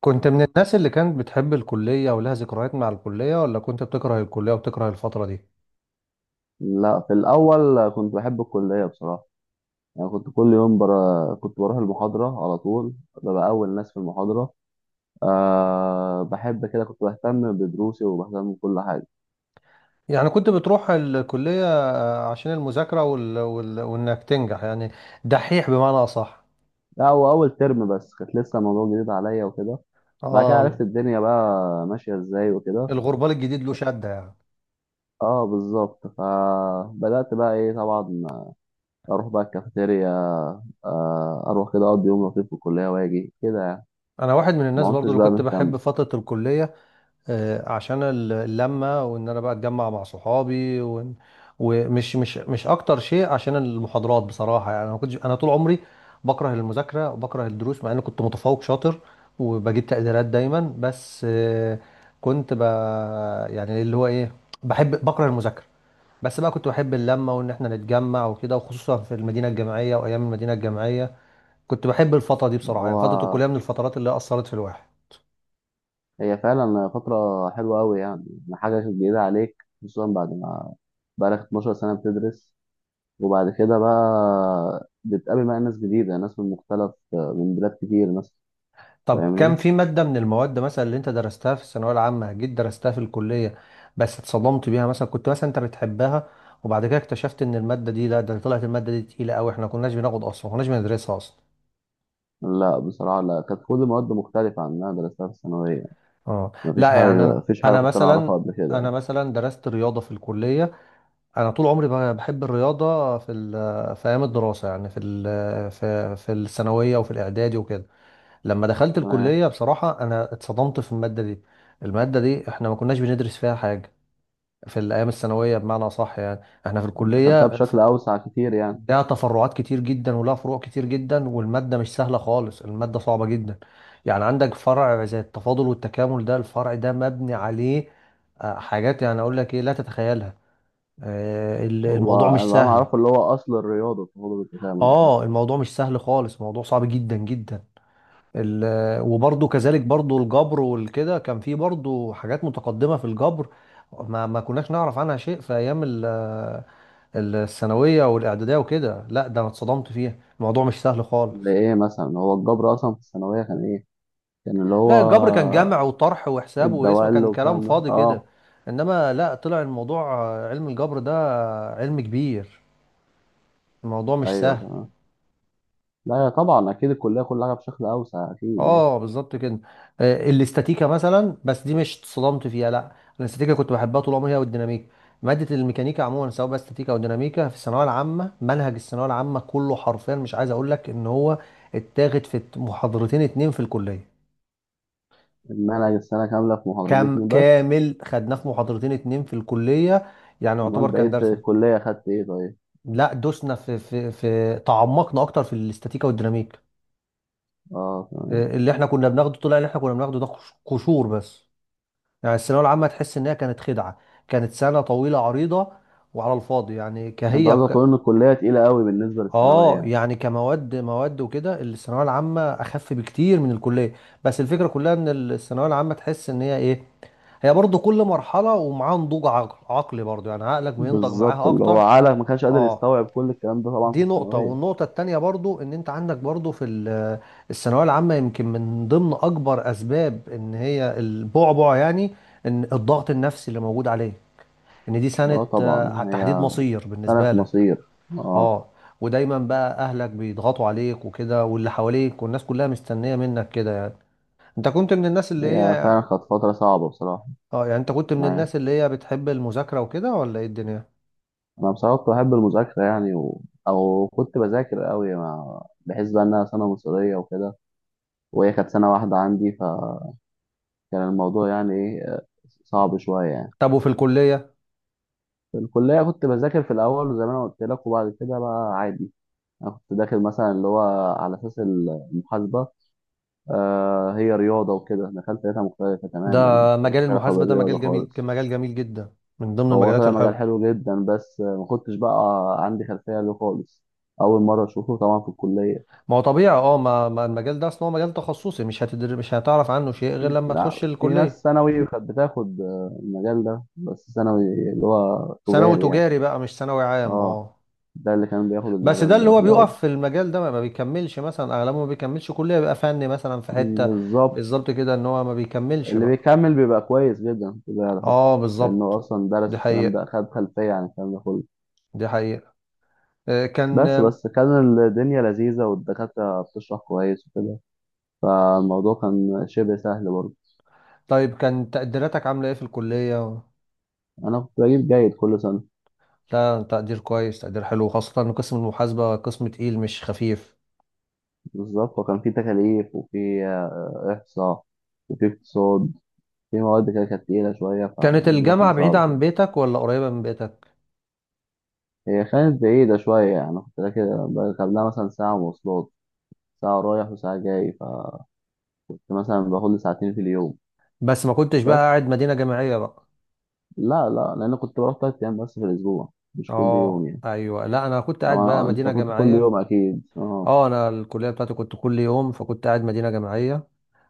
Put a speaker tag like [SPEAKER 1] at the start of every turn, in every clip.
[SPEAKER 1] كنت من الناس اللي كانت بتحب الكلية ولها ذكريات مع الكلية ولا كنت بتكره الكلية وبتكره الفترة دي؟
[SPEAKER 2] لا، في الأول كنت بحب الكلية بصراحة. يعني كنت كل يوم برا... كنت بروح المحاضرة على طول، ببقى أول ناس في المحاضرة. أه، بحب كده، كنت بهتم بدروسي وبهتم بكل حاجة.
[SPEAKER 1] يعني كنت بتروح الكلية. آه، عشان المذاكرة وإنك تنجح، يعني دحيح بمعنى أصح.
[SPEAKER 2] لا هو أول ترم بس كانت لسه الموضوع جديد عليا وكده. بعد كده عرفت
[SPEAKER 1] آه،
[SPEAKER 2] الدنيا بقى ماشية إزاي وكده.
[SPEAKER 1] الغربال الجديد له شدة يعني.
[SPEAKER 2] اه بالظبط، فبدأت بقى إيه طبعا أروح بقى الكافيتيريا. آه، أروح كده أقضي يوم لطيف في الكلية وأجي كده يعني.
[SPEAKER 1] أنا واحد من الناس
[SPEAKER 2] ما
[SPEAKER 1] برضو
[SPEAKER 2] كنتش
[SPEAKER 1] اللي
[SPEAKER 2] بقى
[SPEAKER 1] كنت
[SPEAKER 2] مهتم.
[SPEAKER 1] بحب فترة الكلية. آه، عشان اللمة، وان انا بقى اتجمع مع صحابي ومش مش مش اكتر شيء عشان المحاضرات، بصراحة يعني انا ما كنتش طول عمري بكره المذاكرة وبكره الدروس، مع اني كنت متفوق شاطر وبجيب تقديرات دايما. بس آه، كنت ب يعني اللي هو ايه، بكره المذاكرة. بس بقى كنت بحب اللمة وان احنا نتجمع وكده، وخصوصا في المدينة الجامعية وايام المدينة الجامعية. كنت بحب الفترة دي بصراحة، يعني فترة الكلية
[SPEAKER 2] هو
[SPEAKER 1] من الفترات اللي اثرت في الواحد.
[SPEAKER 2] هي فعلا فترة حلوة أوي يعني. حاجة جديدة عليك خصوصا بعد ما بقالك 12 سنة بتدرس، وبعد كده بقى بتقابل بقى ناس جديدة، ناس من مختلف من بلاد كتير ناس.
[SPEAKER 1] طب كان
[SPEAKER 2] فاهمني؟
[SPEAKER 1] في مادة من المواد مثلا اللي انت درستها في الثانوية العامة، جيت درستها في الكلية بس اتصدمت بيها؟ مثلا كنت مثلا انت بتحبها، وبعد كده اكتشفت ان المادة دي، لا ده طلعت المادة دي تقيلة قوي، احنا ما كناش بناخد اصلا، ما كناش بندرسها اصلا.
[SPEAKER 2] لا بصراحة، لا كانت كل المواد مختلفة عن اللي أنا درستها في الثانوية.
[SPEAKER 1] اه
[SPEAKER 2] مفيش
[SPEAKER 1] لا، يعني
[SPEAKER 2] حاجة،
[SPEAKER 1] انا
[SPEAKER 2] مفيش حاجة
[SPEAKER 1] انا
[SPEAKER 2] كنت أنا أعرفها
[SPEAKER 1] مثلا،
[SPEAKER 2] قبل كده
[SPEAKER 1] انا
[SPEAKER 2] يعني.
[SPEAKER 1] مثلا درست رياضة في الكلية. انا طول عمري بحب الرياضة في في ايام الدراسة، يعني في في الثانوية وفي الاعدادي وكده. لما دخلت
[SPEAKER 2] تمام.
[SPEAKER 1] الكلية بصراحة انا اتصدمت في المادة دي. المادة دي احنا ما كناش بندرس فيها حاجة في الايام الثانويه، بمعنى صح يعني. احنا في
[SPEAKER 2] أنت خدتها
[SPEAKER 1] الكليه
[SPEAKER 2] بشكل أوسع كتير يعني.
[SPEAKER 1] لها تفرعات كتير جدا ولها فروع كتير جدا، والماده مش سهله خالص، الماده صعبه جدا. يعني عندك فرع زي التفاضل والتكامل، ده الفرع ده مبني عليه آه، حاجات يعني اقول لك ايه، لا تتخيلها. آه،
[SPEAKER 2] هو
[SPEAKER 1] الموضوع مش
[SPEAKER 2] اللي أنا
[SPEAKER 1] سهل.
[SPEAKER 2] أعرفه اللي هو أصل الرياضة في علوم التكامل ده.
[SPEAKER 1] اه الموضوع مش سهل خالص، الموضوع صعب جدا جدا. وبرضه كذلك برضه الجبر والكده، كان فيه برضه حاجات متقدمه في الجبر ما كناش نعرف عنها شيء في ايام الثانويه والاعداديه وكده. لا ده انا اتصدمت فيها، الموضوع مش سهل
[SPEAKER 2] اللي
[SPEAKER 1] خالص.
[SPEAKER 2] إيه مثلا هو الجبر أصلا في الثانوية كان إيه؟ كان اللي هو
[SPEAKER 1] لا الجبر كان جمع وطرح وحساب واسم،
[SPEAKER 2] الدوائر
[SPEAKER 1] كان كلام
[SPEAKER 2] والكلام ده.
[SPEAKER 1] فاضي كده.
[SPEAKER 2] اه
[SPEAKER 1] انما لا، طلع الموضوع آه، علم الجبر ده آه، علم كبير، الموضوع مش
[SPEAKER 2] ايوه
[SPEAKER 1] سهل.
[SPEAKER 2] تمام. لا يا طبعا اكيد الكليه كلها بشكل اوسع اكيد يعني.
[SPEAKER 1] اه بالظبط كده. آه، الاستاتيكا مثلا، بس دي مش اتصدمت فيها لا، الاستاتيكا كنت بحبها طول عمري هي والديناميكا. مادة الميكانيكا عموما، سواء بقى استاتيكا او ديناميكا، في الثانوية العامة، منهج الثانوية العامة كله حرفيا مش عايز اقول لك ان هو اتاخد في محاضرتين اتنين في الكلية.
[SPEAKER 2] المنهج السنه كامله في
[SPEAKER 1] كام
[SPEAKER 2] محاضرتين بس؟
[SPEAKER 1] كامل خدناه في محاضرتين اتنين في الكلية، يعني
[SPEAKER 2] امال
[SPEAKER 1] يعتبر كان
[SPEAKER 2] بقيت
[SPEAKER 1] درس.
[SPEAKER 2] الكليه اخدت ايه طيب.
[SPEAKER 1] لا دوسنا في تعمقنا اكتر في الاستاتيكا والديناميك.
[SPEAKER 2] اه
[SPEAKER 1] آه،
[SPEAKER 2] تمام.
[SPEAKER 1] اللي احنا كنا بناخده، طلع اللي احنا كنا بناخده ده قشور بس. يعني الثانوية العامة تحس انها كانت خدعة، كانت سنة طويلة عريضة وعلى الفاضي، يعني
[SPEAKER 2] انت
[SPEAKER 1] كهي.
[SPEAKER 2] قصدك تقول ان الكليه تقيله قوي بالنسبه للثانويه
[SPEAKER 1] اه
[SPEAKER 2] يعني.
[SPEAKER 1] يعني كمواد، مواد وكده الثانويه العامه اخف بكتير من الكليه. بس الفكره كلها ان الثانويه العامه تحس ان هي ايه، هي برضو كل مرحله ومعاها نضوج عقل عقلي، برضو يعني عقلك بينضج
[SPEAKER 2] بالظبط،
[SPEAKER 1] معاها
[SPEAKER 2] اللي هو
[SPEAKER 1] اكتر.
[SPEAKER 2] عقلك ما كانش قادر
[SPEAKER 1] اه.
[SPEAKER 2] يستوعب كل الكلام ده طبعا في
[SPEAKER 1] دي نقطه،
[SPEAKER 2] الثانويه.
[SPEAKER 1] والنقطه التانية برضو ان انت عندك برضو في الثانويه العامه يمكن من ضمن اكبر اسباب ان هي البعبع، يعني ان الضغط النفسي اللي موجود عليه، ان دي سنه
[SPEAKER 2] اه طبعا.
[SPEAKER 1] آه، تحديد
[SPEAKER 2] هي
[SPEAKER 1] مصير
[SPEAKER 2] سنه
[SPEAKER 1] بالنسبه لك.
[SPEAKER 2] مصير. اه.
[SPEAKER 1] اه ودايما بقى اهلك بيضغطوا عليك وكده، واللي حواليك والناس كلها مستنيه منك كده، يعني انت كنت من الناس اللي
[SPEAKER 2] هي
[SPEAKER 1] هي.
[SPEAKER 2] فعلا كانت فتره صعبه بصراحه.
[SPEAKER 1] اه يعني انت كنت من
[SPEAKER 2] معايا،
[SPEAKER 1] الناس اللي هي بتحب المذاكره وكده ولا ايه الدنيا؟
[SPEAKER 2] انا بصراحه كنت بحب المذاكره يعني و... او كنت بذاكر قوي مع... بحس بقى انها سنه مصيريه وكده. وهي كانت سنة واحدة عندي فكان الموضوع يعني إيه صعب شوية يعني.
[SPEAKER 1] طب وفي الكليه؟
[SPEAKER 2] في الكلية كنت بذاكر في الأول زي ما أنا قلت لك، وبعد كده بقى عادي. أنا كنت داخل مثلا اللي هو على أساس المحاسبة. آه هي رياضة وكده، دخلت لقيتها مختلفة
[SPEAKER 1] ده
[SPEAKER 2] تماما يعني،
[SPEAKER 1] مجال
[SPEAKER 2] ملهاش علاقة
[SPEAKER 1] المحاسبه ده
[SPEAKER 2] بالرياضة
[SPEAKER 1] مجال جميل،
[SPEAKER 2] خالص.
[SPEAKER 1] مجال جميل جدا، من ضمن
[SPEAKER 2] هو
[SPEAKER 1] المجالات
[SPEAKER 2] طلع مجال
[SPEAKER 1] الحلوه.
[SPEAKER 2] حلو جدا بس ما كنتش بقى عندي خلفية له خالص. أول مرة أشوفه طبعا في الكلية.
[SPEAKER 1] ما هو طبيعي، اه ما المجال ده اصلا هو مجال تخصصي، مش هتعرف عنه شيء غير
[SPEAKER 2] في،
[SPEAKER 1] لما تخش
[SPEAKER 2] لا في ناس
[SPEAKER 1] الكليه.
[SPEAKER 2] ثانوي كانت بتاخد المجال ده بس ثانوي، اللي هو
[SPEAKER 1] ثانوي
[SPEAKER 2] تجاري يعني.
[SPEAKER 1] تجاري بقى، مش ثانوي عام،
[SPEAKER 2] اه،
[SPEAKER 1] اه.
[SPEAKER 2] ده اللي كان بياخد
[SPEAKER 1] بس ده
[SPEAKER 2] المجال
[SPEAKER 1] اللي
[SPEAKER 2] ده في
[SPEAKER 1] هو
[SPEAKER 2] الاول.
[SPEAKER 1] بيقف في المجال ده ما بيكملش، مثلا اغلبه ما بيكملش كلية، بيبقى فني مثلا في حتة.
[SPEAKER 2] بالظبط.
[SPEAKER 1] بالظبط كده، ان هو ما بيكملش
[SPEAKER 2] اللي
[SPEAKER 1] بقى.
[SPEAKER 2] بيكمل بيبقى كويس جدا في ده على فكره،
[SPEAKER 1] اه بالظبط.
[SPEAKER 2] لانه اصلا درس
[SPEAKER 1] دي
[SPEAKER 2] الكلام ده،
[SPEAKER 1] حقيقة،
[SPEAKER 2] خد خلفيه عن الكلام ده كله.
[SPEAKER 1] دي حقيقة. آه، كان
[SPEAKER 2] بس بس كان الدنيا لذيذه والدكاتره بتشرح كويس وكده، فالموضوع كان شبه سهل برضه.
[SPEAKER 1] طيب كان تقديراتك عاملة ايه في الكلية؟
[SPEAKER 2] انا كنت بجيب جيد كل سنه.
[SPEAKER 1] لا تقدير كويس، تقدير حلو، خاصة ان قسم المحاسبة قسم تقيل مش خفيف.
[SPEAKER 2] بالظبط، وكان في تكاليف وفي احصاء، وفي اقتصاد، في مواد كده كانت تقيله شويه،
[SPEAKER 1] كانت
[SPEAKER 2] فالموضوع كان
[SPEAKER 1] الجامعة بعيدة
[SPEAKER 2] صعب
[SPEAKER 1] عن
[SPEAKER 2] شويه.
[SPEAKER 1] بيتك ولا قريبة من بيتك؟
[SPEAKER 2] هي كانت بعيده شويه يعني، أنا كنت راكب قبلها مثلا ساعه مواصلات، ساعة رايح وساعة جاي، فكنت مثلا باخد لي ساعتين في اليوم.
[SPEAKER 1] بس ما كنتش بقى
[SPEAKER 2] بس
[SPEAKER 1] قاعد مدينة جامعية بقى؟
[SPEAKER 2] لا، لا لأن كنت بروح تلات أيام بس في الأسبوع، مش كل يوم
[SPEAKER 1] اه
[SPEAKER 2] يعني.
[SPEAKER 1] ايوه، لا انا كنت قاعد بقى
[SPEAKER 2] طبعا أنت
[SPEAKER 1] مدينة
[SPEAKER 2] كنت كل
[SPEAKER 1] جامعية.
[SPEAKER 2] يوم أكيد، أه.
[SPEAKER 1] اه، انا الكليه بتاعتي كنت كل يوم، فكنت قاعد مدينه جامعيه.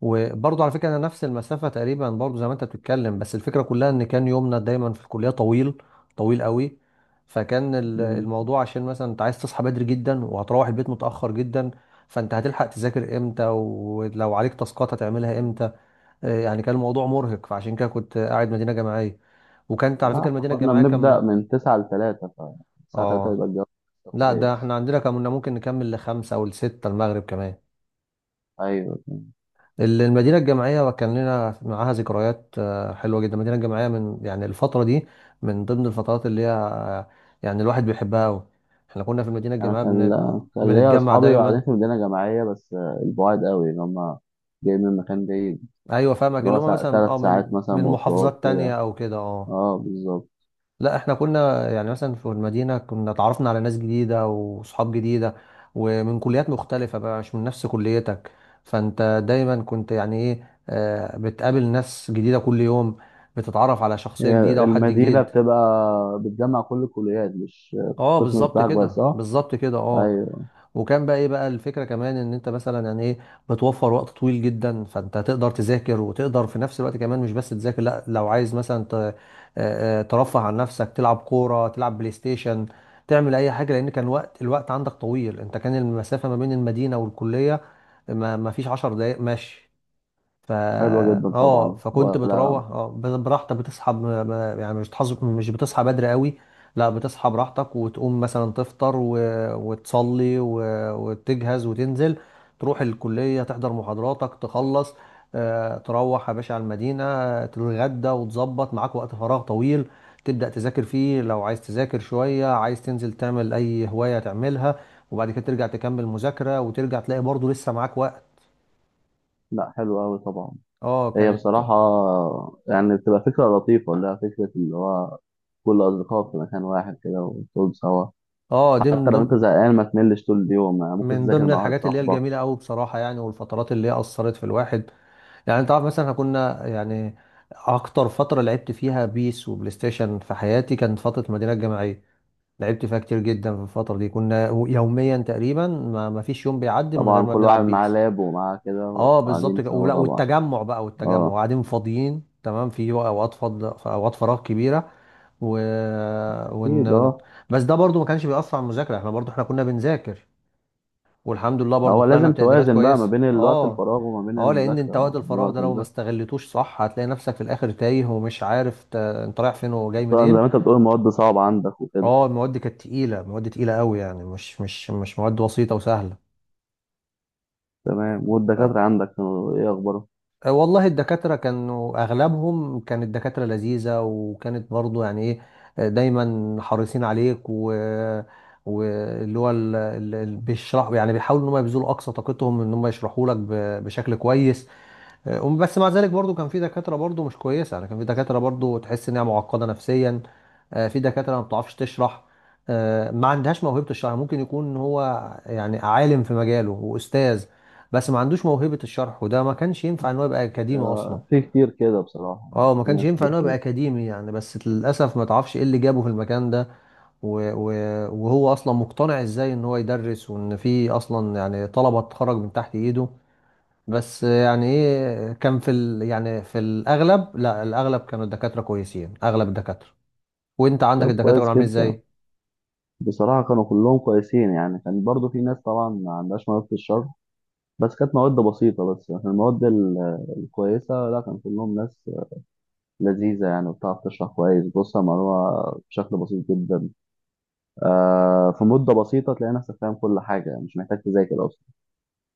[SPEAKER 1] وبرضه على فكره انا نفس المسافه تقريبا برضه زي ما انت بتتكلم، بس الفكره كلها ان كان يومنا دايما في الكليه طويل، طويل قوي. فكان
[SPEAKER 2] مم.
[SPEAKER 1] الموضوع، عشان مثلا انت عايز تصحى بدري جدا وهتروح البيت متاخر جدا، فانت هتلحق تذاكر امتى، ولو عليك تاسكات هتعملها امتى؟ آه، يعني كان الموضوع مرهق، فعشان كده كنت قاعد مدينه جامعيه. وكانت على
[SPEAKER 2] لا
[SPEAKER 1] فكره
[SPEAKER 2] إحنا
[SPEAKER 1] المدينه
[SPEAKER 2] كنا
[SPEAKER 1] الجامعيه
[SPEAKER 2] بنبدأ
[SPEAKER 1] كم.
[SPEAKER 2] من تسعة لتلاتة، فالساعة تلاتة
[SPEAKER 1] اه
[SPEAKER 2] يبقى الجو
[SPEAKER 1] لا ده
[SPEAKER 2] كويس.
[SPEAKER 1] احنا عندنا كنا ممكن نكمل لخمسة او لستة المغرب كمان.
[SPEAKER 2] أيوه.
[SPEAKER 1] المدينة الجامعية كان لنا معاها ذكريات آه، حلوة جدا، المدينة الجامعية من يعني الفترة دي من ضمن الفترات اللي هي آه، يعني الواحد بيحبها أوي. احنا كنا في المدينة
[SPEAKER 2] أنا
[SPEAKER 1] الجامعية
[SPEAKER 2] كان كان ليا
[SPEAKER 1] بنتجمع
[SPEAKER 2] أصحابي، وبعدين
[SPEAKER 1] دايما.
[SPEAKER 2] في مدينة جامعية بس البعاد قوي، اللي هما جايين من مكان بعيد،
[SPEAKER 1] أيوة فاهمك،
[SPEAKER 2] اللي هو
[SPEAKER 1] اللي هما
[SPEAKER 2] سا...
[SPEAKER 1] مثلا
[SPEAKER 2] تلات
[SPEAKER 1] اه
[SPEAKER 2] ساعات
[SPEAKER 1] من
[SPEAKER 2] مثلا
[SPEAKER 1] من
[SPEAKER 2] مواصلات
[SPEAKER 1] محافظات تانية
[SPEAKER 2] كده.
[SPEAKER 1] أو كده، اه.
[SPEAKER 2] أه بالظبط.
[SPEAKER 1] لا احنا كنا يعني مثلا في المدينة كنا اتعرفنا على ناس جديدة وصحاب جديدة، ومن كليات مختلفة بقى، مش من نفس كليتك، فانت دايما كنت يعني ايه آه، بتقابل ناس جديدة كل يوم، بتتعرف على شخصية
[SPEAKER 2] هي
[SPEAKER 1] جديدة وحد
[SPEAKER 2] المدينة
[SPEAKER 1] جديد.
[SPEAKER 2] بتبقى بتجمع كل الكليات، مش
[SPEAKER 1] اه
[SPEAKER 2] القسم
[SPEAKER 1] بالظبط
[SPEAKER 2] بتاعك بس،
[SPEAKER 1] كده،
[SPEAKER 2] اه
[SPEAKER 1] بالظبط كده، اه.
[SPEAKER 2] ايوه.
[SPEAKER 1] وكان بقى ايه بقى الفكره كمان، ان انت مثلا يعني ايه بتوفر وقت طويل جدا، فانت تقدر تذاكر وتقدر في نفس الوقت كمان، مش بس تذاكر، لا لو عايز مثلا آه، ترفه عن نفسك، تلعب كوره، تلعب بلاي ستيشن، تعمل اي حاجه، لان كان وقت الوقت عندك طويل، كان المسافه ما بين المدينه والكليه ما فيش 10 دقائق ماشي. فا
[SPEAKER 2] حلوة جدا
[SPEAKER 1] اه
[SPEAKER 2] طبعا
[SPEAKER 1] فكنت
[SPEAKER 2] ولا؟
[SPEAKER 1] بتروح اه براحتك، بتصحى يعني مش بتصحى، مش بتصحى بدري قوي، لا بتصحى براحتك، وتقوم مثلا تفطر وتصلي وتجهز وتنزل، تروح الكلية تحضر محاضراتك تخلص، آه تروح يا باشا على المدينة آه، تتغدى وتظبط معاك وقت فراغ طويل، تبدأ تذاكر فيه. لو عايز تذاكر شوية، عايز تنزل تعمل أي هواية تعملها، وبعد كده ترجع تكمل مذاكرة، وترجع تلاقي برضه لسه معاك وقت.
[SPEAKER 2] لا حلوة أوي طبعا.
[SPEAKER 1] اه
[SPEAKER 2] هي
[SPEAKER 1] كانت.
[SPEAKER 2] بصراحة يعني بتبقى فكرة لطيفة، اللي هي فكرة اللي هو كل أصدقائك في مكان واحد كده وتقعدوا سوا.
[SPEAKER 1] اه دي
[SPEAKER 2] حتى
[SPEAKER 1] من
[SPEAKER 2] لو أنت
[SPEAKER 1] ضمن،
[SPEAKER 2] زهقان ما تملش طول اليوم يعني، ممكن
[SPEAKER 1] من
[SPEAKER 2] تذاكر
[SPEAKER 1] ضمن
[SPEAKER 2] مع واحد
[SPEAKER 1] الحاجات اللي هي
[SPEAKER 2] صاحبك.
[SPEAKER 1] الجميله قوي بصراحه، يعني والفترات اللي هي اثرت في الواحد. يعني انت عارف مثلا، احنا كنا يعني اكتر فتره لعبت فيها بيس وبلاي ستيشن في حياتي كانت فتره المدينه الجامعيه، لعبت فيها كتير جدا. في الفتره دي كنا يوميا تقريبا ما فيش يوم بيعدي من غير
[SPEAKER 2] طبعا
[SPEAKER 1] ما
[SPEAKER 2] كل واحد
[SPEAKER 1] بنلعب
[SPEAKER 2] معاه
[SPEAKER 1] بيس.
[SPEAKER 2] لاب ومعاه كده
[SPEAKER 1] اه بالظبط
[SPEAKER 2] وقاعدين
[SPEAKER 1] كده.
[SPEAKER 2] سوا
[SPEAKER 1] ولا
[SPEAKER 2] طبعا.
[SPEAKER 1] والتجمع بقى، والتجمع
[SPEAKER 2] اه.
[SPEAKER 1] قاعدين فاضيين تمام في اوقات فض في اوقات فراغ كبيره و...
[SPEAKER 2] أكيد
[SPEAKER 1] ون...
[SPEAKER 2] اه.
[SPEAKER 1] بس ده برضو ما كانش بيأثر على المذاكره، احنا برضو احنا كنا بنذاكر، والحمد لله برضو
[SPEAKER 2] هو
[SPEAKER 1] طلعنا
[SPEAKER 2] لازم
[SPEAKER 1] بتقديرات
[SPEAKER 2] توازن بقى ما
[SPEAKER 1] كويسة
[SPEAKER 2] بين الوقت
[SPEAKER 1] اه.
[SPEAKER 2] الفراغ وما بين
[SPEAKER 1] اه لان
[SPEAKER 2] المذاكرة
[SPEAKER 1] انت
[SPEAKER 2] وما
[SPEAKER 1] وقت
[SPEAKER 2] بين
[SPEAKER 1] الفراغ
[SPEAKER 2] الوقت
[SPEAKER 1] ده لو ما
[SPEAKER 2] المذاكرة.
[SPEAKER 1] استغلتوش صح، هتلاقي نفسك في الاخر تايه ومش عارف انت رايح فين وجاي
[SPEAKER 2] طبعا، زي
[SPEAKER 1] منين.
[SPEAKER 2] ما انت بتقول المواد صعبة عندك وكده.
[SPEAKER 1] اه المواد كانت تقيلة، مواد تقيلة قوي يعني، مش مواد بسيطة وسهلة.
[SPEAKER 2] تمام. والدكاترة
[SPEAKER 1] ف...
[SPEAKER 2] عندك كانوا ايه اخبارهم؟
[SPEAKER 1] آه، والله الدكاترة كانوا اغلبهم، كانت دكاترة لذيذة، وكانت برضو يعني ايه آه، دايما حريصين عليك، و واللي هو ال- ال- ال- بيشرحوا، يعني بيحاولوا ان هم يبذلوا اقصى طاقتهم ان هم يشرحوا لك بشكل كويس. آه، بس مع ذلك برضو كان في دكاترة برضو مش كويسة، يعني كان في دكاترة برضو تحس انها معقدة نفسيا. آه، في دكاترة ما بتعرفش تشرح، آه، ما عندهاش موهبة الشرح. يعني ممكن يكون هو يعني عالم في مجاله وأستاذ، بس ما عندوش موهبة الشرح، وده ما كانش ينفع ان هو يبقى أكاديمي أصلا.
[SPEAKER 2] آه، في كتير كده بصراحة يعني،
[SPEAKER 1] اه ما
[SPEAKER 2] في
[SPEAKER 1] كانش
[SPEAKER 2] ناس
[SPEAKER 1] ينفع
[SPEAKER 2] كتير
[SPEAKER 1] ان هو يبقى
[SPEAKER 2] كده.
[SPEAKER 1] أكاديمي يعني، بس للأسف ما تعرفش ايه اللي جابه في المكان ده، وهو أصلا مقتنع ازاي ان هو يدرس، وان في أصلا يعني طلبة تخرج من تحت ايده. بس يعني ايه، يعني في الاغلب، لا الاغلب كانوا الدكاتره كويسين، اغلب الدكاتره. وانت عندك
[SPEAKER 2] طب
[SPEAKER 1] الدكاتره كانوا
[SPEAKER 2] كويس
[SPEAKER 1] عاملين
[SPEAKER 2] جدا.
[SPEAKER 1] ازاي؟
[SPEAKER 2] بصراحة كانوا كلهم كويسين يعني، كان برضو في ناس طبعا ما عندهاش مواد في الشرح، بس كانت مواد بسيطة. بس لكن المواد ال- الكويسة لا، كان كلهم ناس لذيذة يعني، وبتعرف تشرح كويس، بص على المعلومة بشكل بسيط جدا. آه، في مدة بسيطة تلاقي نفسك فاهم كل حاجة يعني، مش محتاج تذاكر أصلا.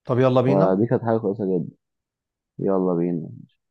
[SPEAKER 1] طب يلا بينا.
[SPEAKER 2] فدي كانت حاجة كويسة جدا. يلا بينا.